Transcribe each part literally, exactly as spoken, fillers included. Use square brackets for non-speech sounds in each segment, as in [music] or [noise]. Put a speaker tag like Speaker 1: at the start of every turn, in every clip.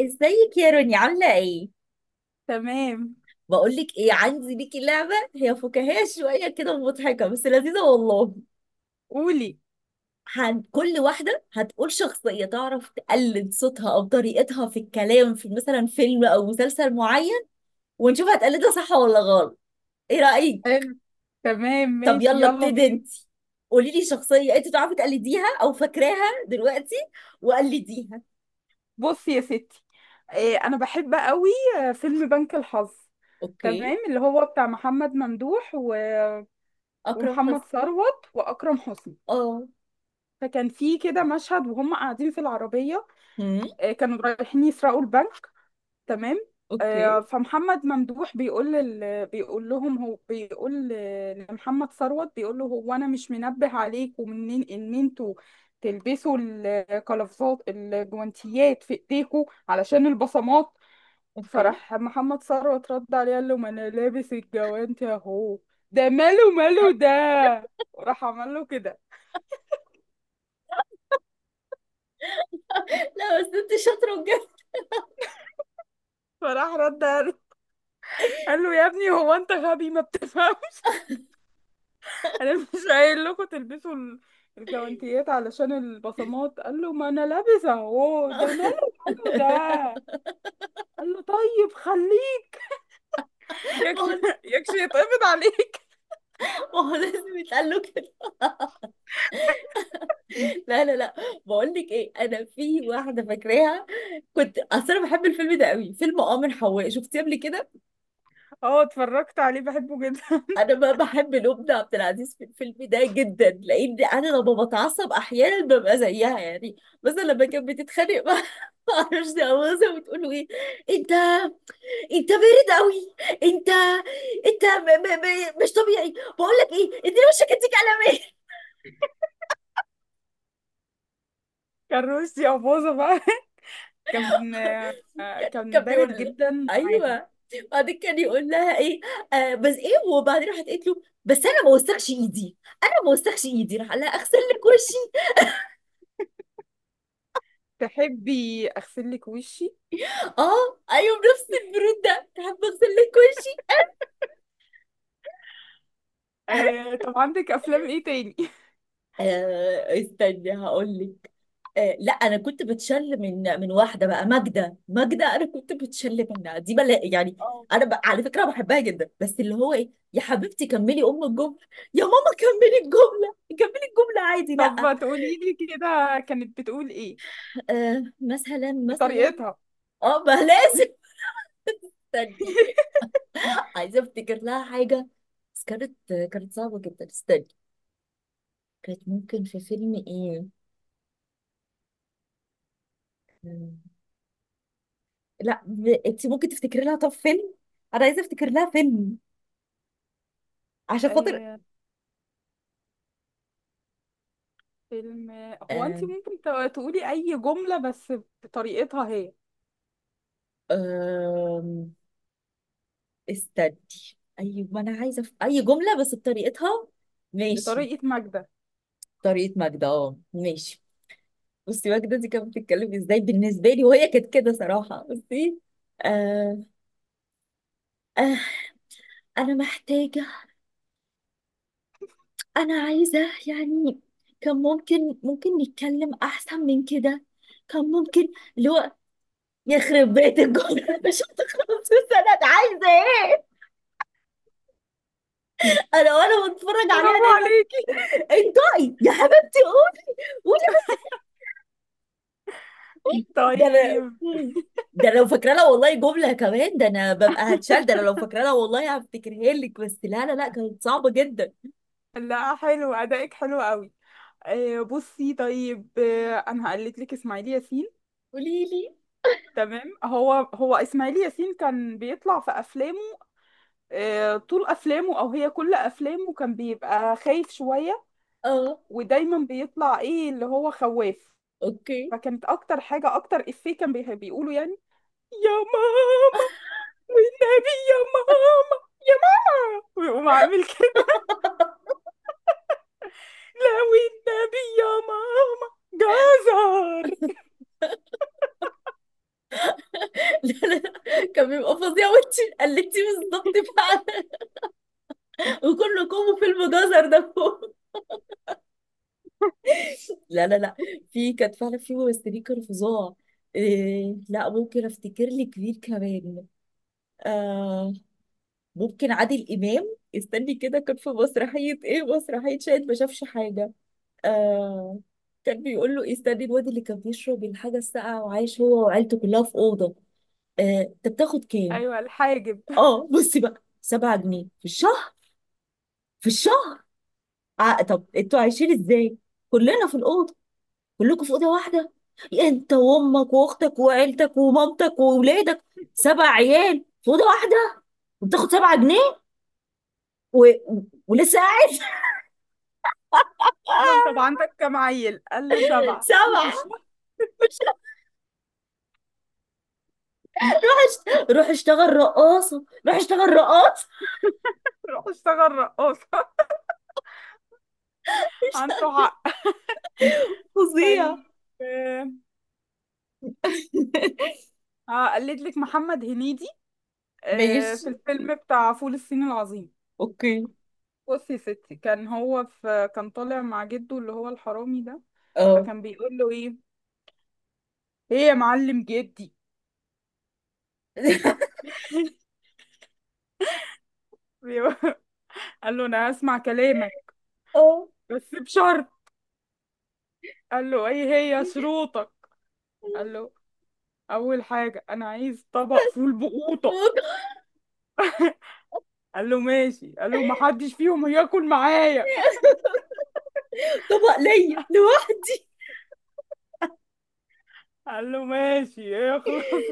Speaker 1: ازيك يا روني، عاملة ايه؟
Speaker 2: تمام.
Speaker 1: بقولك ايه، عندي ليكي لعبة هي فكاهية شوية كده ومضحكة، بس لذيذة والله.
Speaker 2: قولي.
Speaker 1: هن... كل واحدة هتقول شخصية تعرف تقلد صوتها أو طريقتها في الكلام في مثلا فيلم أو مسلسل معين، ونشوف هتقلدها صح ولا غلط. ايه رأيك؟
Speaker 2: حلو. تمام،
Speaker 1: طب
Speaker 2: ماشي،
Speaker 1: يلا
Speaker 2: يلا
Speaker 1: ابتدي
Speaker 2: بينا.
Speaker 1: انتي، قوليلي شخصية انت تعرفي تقلديها أو فاكراها دلوقتي وقلديها.
Speaker 2: بصي يا ستي، إيه، انا بحب قوي. آه، فيلم بنك الحظ.
Speaker 1: اوكي.
Speaker 2: تمام، اللي هو بتاع محمد ممدوح و...
Speaker 1: أكرم
Speaker 2: ومحمد
Speaker 1: حسني.
Speaker 2: ثروت واكرم حسني.
Speaker 1: اه.
Speaker 2: فكان في كده مشهد وهم قاعدين في العربيه.
Speaker 1: هم.
Speaker 2: آه، كانوا رايحين يسرقوا البنك. تمام. آه،
Speaker 1: اوكي.
Speaker 2: فمحمد ممدوح بيقول لل... بيقول لهم. هو بيقول ل- لمحمد ثروت، بيقول له هو انا مش منبه عليكم منين ان انتوا تلبسوا القفازات، الجوانتيات في ايديكم علشان البصمات.
Speaker 1: اوكي.
Speaker 2: فراح محمد ثروت رد عليه قال له: ما انا لابس الجوانتي اهو، ده ماله؟ ماله ده؟ راح عمل له كده.
Speaker 1: لا بس انت شاطرة بجد.
Speaker 2: فراح رد قال قال له: يا ابني هو انت غبي ما بتفهمش؟ انا مش قايل لكم تلبسوا ال- الجوانتيات علشان البصمات؟ قال له: ما انا لابسه اهو، ده ماله؟ ماله ده؟
Speaker 1: [laughs]
Speaker 2: قال له: طيب خليه
Speaker 1: ما هو.
Speaker 2: يكشي يكشي يتقبض عليك.
Speaker 1: ما هو لازم يتقال له كده. لا لا لا، بقول لك ايه، انا في واحده فاكراها، كنت اصل انا بحب الفيلم ده قوي، فيلم آمر حواء، شفتيه قبل كده؟
Speaker 2: اه اتفرجت عليه، بحبه جدا.
Speaker 1: انا
Speaker 2: [laughs]
Speaker 1: ما بحب الام ده عبد العزيز في الفيلم ده جدا، لان انا لما بتعصب احيانا ببقى زيها يعني. مثلا لما كانت بتتخانق مع [laughs] ما اعرفش، مثلا بتقول له ايه، انت، انت بارد قوي، انت، انت م... م... م... مش طبيعي. بقول لك ايه، اديني وشك اديك على مين.
Speaker 2: كان روسي ابوظه بقى. [laughs] كان آه،
Speaker 1: كان
Speaker 2: كان
Speaker 1: كان
Speaker 2: بارد
Speaker 1: بيقول،
Speaker 2: جدا معاها.
Speaker 1: ايوه، بعدين كان يقول لها ايه، آه بس ايه، وبعدين راحت قالت له، بس انا ما وسخش ايدي، انا ما وسخش ايدي، راح قال لها اغسل لك وشي.
Speaker 2: تحبي اغسل لك وشي؟
Speaker 1: اه ايوه، بنفس البرود ده، تحب اغسل لك وشي.
Speaker 2: آه، طب عندك افلام ايه تاني؟ [laughs]
Speaker 1: آه استني هقول لك. آه لا، انا كنت بتشل من من واحده بقى، ماجده ماجده، انا كنت بتشل منها دي بلا يعني.
Speaker 2: اه.
Speaker 1: انا ب... على فكره بحبها جدا، بس اللي هو ايه، يا حبيبتي كملي ام الجمله، يا ماما كملي الجمله، كملي الجمله عادي
Speaker 2: طب
Speaker 1: لا.
Speaker 2: ما تقولي لي كده، كانت بتقول ايه
Speaker 1: آه مثلا مثلا.
Speaker 2: بطريقتها؟
Speaker 1: اه ما لازم، استني. [laughs] عايزه افتكر لها حاجه، بس كانت، كانت صعبه جدا، استني. كانت ممكن في فيلم ايه. مم. لا ب... انت ممكن تفتكري لها طب فيلم، انا عايزه افتكر لها فيلم، عشان خاطر.
Speaker 2: [laughs] فيلم. هو انت
Speaker 1: آه.
Speaker 2: ممكن ت- تقولي اي جملة بس بطريقتها هي،
Speaker 1: آه استني، اي، ما انا عايزه في... اي جمله بس بطريقتها. ماشي.
Speaker 2: بطريقة ماجدة.
Speaker 1: طريقه ماجدة، اه ماشي. بصي، ماجدة دي كانت بتتكلم ازاي بالنسبه لي، وهي كانت كده صراحه بصي. آه. آه... انا محتاجة، انا عايزة، يعني، كان ممكن ممكن نتكلم احسن من كده، كان ممكن، اللي هو، يخرب بيت الجمهور. [laughs] مش هتخلص السنة انا. [laughs] عايزة ايه، انا وانا بتفرج عليها
Speaker 2: برافو
Speaker 1: دايما.
Speaker 2: عليكي.
Speaker 1: انطقي يا حبيبتي قولي، قولي بس. إيه؟ ده انا،
Speaker 2: طيب.
Speaker 1: مم. ده أنا لو فاكره لها والله جمله كمان، ده انا ببقى هتشال، ده انا لو فاكره لها والله هفتكرها لك، بس لا لا لا، كانت صعبه جدا.
Speaker 2: لا، حلو، ادائك حلو قوي. آه، بصي. طيب، آه، انا هقلد لك اسماعيل ياسين.
Speaker 1: قولي لي.
Speaker 2: تمام، هو هو اسماعيل ياسين كان بيطلع في افلامه، آه، طول افلامه، او هي كل افلامه، كان بيبقى خايف شوية.
Speaker 1: اه.
Speaker 2: ودايما بيطلع ايه اللي هو خواف.
Speaker 1: اوكي.
Speaker 2: فكانت اكتر حاجة، اكتر افيه كان بي- بيقوله يعني: يا ماما، والنبي يا ماما، يا ماما. ويقوم عامل كده: لا والنبي يا ماما، جزر.
Speaker 1: [laughs] لا، كان بيبقى فظيع، وانت قلتيه بالظبط فعلا، وكله كومو في المجازر ده فوق. لا لا لا، في كانت فعلا في ممثلين كانوا فظاع. إيه لا، ممكن افتكر لي كبير كمان. آه ممكن عادل امام، استني كده، كان في مسرحيه ايه، مسرحيه شاهد ما شافش حاجه. آه. كان بيقول له إيه، استني، الواد اللي كان بيشرب الحاجه الساقعه وعايش هو وعيلته كلها في اوضه. آه. انت بتاخد كام؟
Speaker 2: ايوه الحاجب.
Speaker 1: اه بصي بقى، سبعة جنيه في الشهر، في الشهر. ع- طب انتوا عايشين ازاي، كلنا في الاوضه، كلكم في اوضه واحده، انت وامك واختك وعيلتك ومامتك واولادك، سبع عيال في اوضه واحده، وبتاخد سبعة جنيه، و... و- ولسه قاعد. [laughs]
Speaker 2: قال له: طب
Speaker 1: آه،
Speaker 2: عندك كام عيل؟ قال له: سبعه. قال له: في
Speaker 1: سبعة.
Speaker 2: الشهر؟
Speaker 1: مش هشت... روح اشتغل رقاصة، روح اشتغل رقاصة.
Speaker 2: روح اشتغل رقاصه.
Speaker 1: [laughs]
Speaker 2: [laughs]
Speaker 1: مش
Speaker 2: عنده حق.
Speaker 1: فظيع؟
Speaker 2: طيب، آه،
Speaker 1: [laughs]
Speaker 2: هقلد لك محمد هنيدي آه،
Speaker 1: ماشي.
Speaker 2: في الفيلم بتاع فول الصين العظيم.
Speaker 1: اوكي.
Speaker 2: بصي يا ستي، كان هو في كان طالع مع جده اللي هو الحرامي ده.
Speaker 1: اه.
Speaker 2: فكان بيقول له ايه: ايه يا معلم جدي؟
Speaker 1: [laughs]
Speaker 2: [laughs] قال له: انا هسمع كلامك
Speaker 1: اه
Speaker 2: بس بشرط. قال له: ايه هي شروطك؟ قال له: اول حاجه انا عايز طبق فول بقوطه. قال له: ماشي. قال له: محدش فيهم هياكل معايا.
Speaker 1: طبق ليا لوحدي.
Speaker 2: قال له: ماشي ايه، خلاص.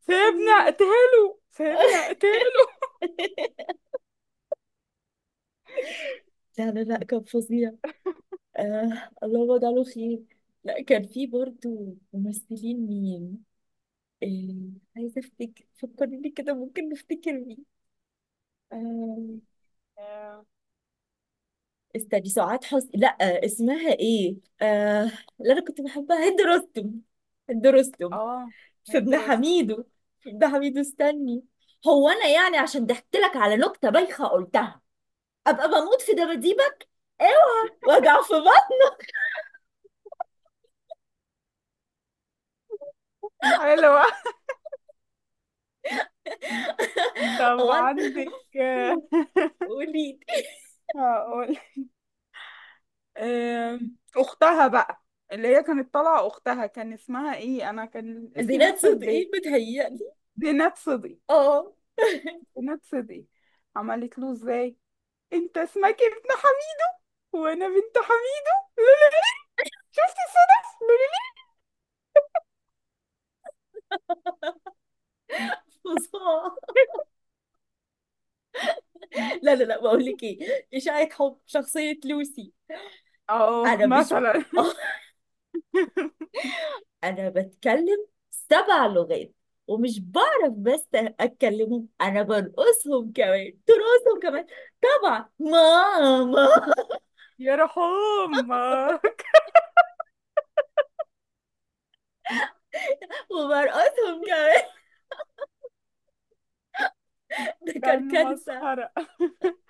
Speaker 2: سيبني
Speaker 1: [laughs]
Speaker 2: اقتله، سيبني اقتله.
Speaker 1: لا لا لا كان فظيع. آه الله وجعله خير. لا، كان في برضو ممثلين مين، آه عايزة افتكر، فكرني لي كده، ممكن نفتكر مين. آه
Speaker 2: اه.
Speaker 1: استني، سعاد حسني، لا، آه اسمها ايه، آه اللي انا كنت بحبها، هند رستم. هند رستم
Speaker 2: آه،
Speaker 1: في
Speaker 2: هند
Speaker 1: ابن
Speaker 2: رستم.
Speaker 1: حميدو. في ابن حميدو استني. هو انا يعني عشان ضحكت لك على نكتة بايخة قلتها، ابقى بموت في دباديبك؟ اوعى، وجع في بطن.
Speaker 2: حلوة.
Speaker 1: [laughs]
Speaker 2: طب
Speaker 1: هو أنا-
Speaker 2: عندك آه،
Speaker 1: [laughs] قولي.
Speaker 2: [laughs] هقول. آم، اختها بقى، اللي هي كانت طالعه اختها، كان اسمها ايه؟ انا كان اسمي
Speaker 1: زينات
Speaker 2: لسه في بالي.
Speaker 1: صدقي بتهيألي.
Speaker 2: زينات صدقي.
Speaker 1: اه.
Speaker 2: زينات صدقي، عملت له ازاي: انت اسمك ابن حميد وانا بنت حميدو، لولولي. شفت الصدف؟ لولولي.
Speaker 1: [laughs] فظاع. لا لا لا، بقول لك ايه، إشاعة حب، شخصية لوسي.
Speaker 2: اه
Speaker 1: انا مش [laughs]
Speaker 2: مثلا.
Speaker 1: اه.
Speaker 2: [laughs]
Speaker 1: انا بتكلم سبع لغات، ومش بعرف بس اتكلمهم، انا برقصهم كمان، ترقصهم كمان، طبعا ماما،
Speaker 2: يا رحوم. [laughs]
Speaker 1: وبرقصهم كمان. [laughs] ده
Speaker 2: كان
Speaker 1: كان كارثة.
Speaker 2: مسخرة. [laughs]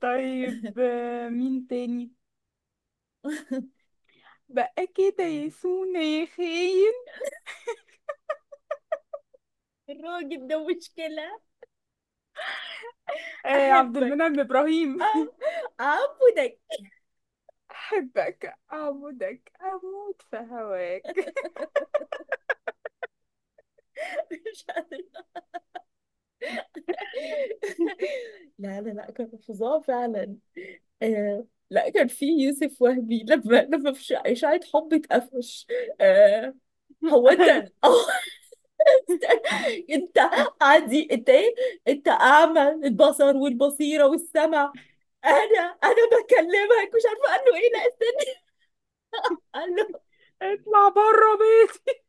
Speaker 2: طيب، آه، مين تاني؟
Speaker 1: [laughs]
Speaker 2: بقى كده يا سونا يا خاين؟
Speaker 1: الراجل ده مشكلة.
Speaker 2: آه، عبد
Speaker 1: احبك،
Speaker 2: المنعم ابراهيم.
Speaker 1: أم- اعبدك.
Speaker 2: [laughs] احبك، اعبدك، اموت في هواك.
Speaker 1: [laughs] مش قادرة. لا لا لا كان فظاع فعلا. آه لا، كان في يوسف وهبي، لما لما في إشاعة، إشاعة حب، اتقفش. آه
Speaker 2: [laughs]
Speaker 1: هو انت،
Speaker 2: ايوه.
Speaker 1: أو [laughs] انت، عادي انت ايه، انت اعمى البصر والبصيرة والسمع، انا انا بكلمك مش عارفة، قال له ايه، لا استنى، قال له
Speaker 2: اطلع بره بيتي.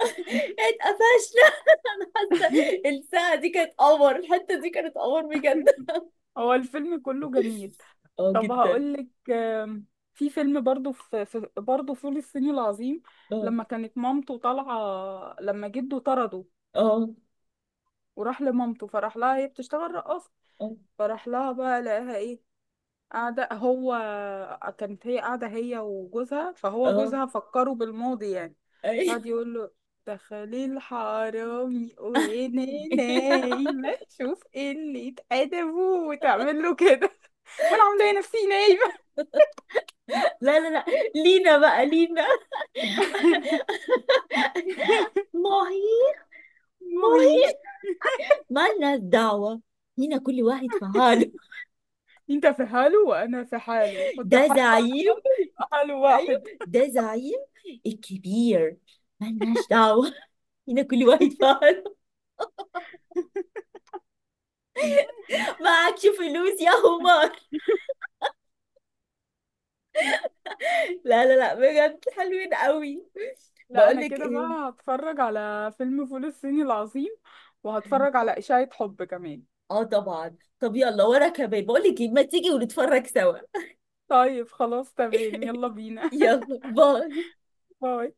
Speaker 1: [laughs] اتقفشنا. [laughs] انا حاسة
Speaker 2: [laughs]
Speaker 1: الساعة دي كانت قمر، الحتة دي كانت قمر بجد.
Speaker 2: هو الفيلم كله جميل.
Speaker 1: اه
Speaker 2: طب
Speaker 1: جدا.
Speaker 2: هقولك، آم، في فيلم برضو في, في برضو فول الصين العظيم،
Speaker 1: اه.
Speaker 2: لما كانت مامته طالعة، لما جده طرده
Speaker 1: اه.
Speaker 2: وراح لمامته. فراح لها، هي بتشتغل رقاصة،
Speaker 1: اه.
Speaker 2: فراح لها بقى لقاها ايه، قاعدة هو كانت هي قاعدة هي وجوزها، فهو
Speaker 1: اه.
Speaker 2: جوزها فكره بالماضي يعني.
Speaker 1: أيوة.
Speaker 2: قعد يقول له: دخلي الحرامي وانا
Speaker 1: [laughs]
Speaker 2: نايمة، شوف ايه اللي اتقدمه. وتعمل له كده: [laughs] وانا عاملة إيه، نفسي نايمة.
Speaker 1: لا لا لا. لينا بقى لينا.
Speaker 2: [laughs]
Speaker 1: ماهي.
Speaker 2: وهي،
Speaker 1: ماهي. مالناش دعوة، هنا كل واحد في حاله.
Speaker 2: انت في حاله وانا في حاله، حط
Speaker 1: ده
Speaker 2: حاله على
Speaker 1: زعيم.
Speaker 2: حاله يبقى حاله
Speaker 1: أيوة،
Speaker 2: واحد.
Speaker 1: ده زعيم الكبير. مالناش دعوة، هنا كل واحد في حاله.
Speaker 2: [laughs]
Speaker 1: معكش فلوس يا همار. لا لا لا، بجد حلوين قوي.
Speaker 2: لا
Speaker 1: بقول
Speaker 2: انا
Speaker 1: لك
Speaker 2: كده
Speaker 1: ايه،
Speaker 2: بقى هتفرج على فيلم فول الصين العظيم، وهتفرج على اشاعة حب كمان.
Speaker 1: اه طبعا، طب يلا وراك يا بيه، بقول لك ايه، ما تيجي ونتفرج سوا.
Speaker 2: طيب خلاص، تمام، يلا بينا.
Speaker 1: يلا باي.
Speaker 2: [laughs] باي.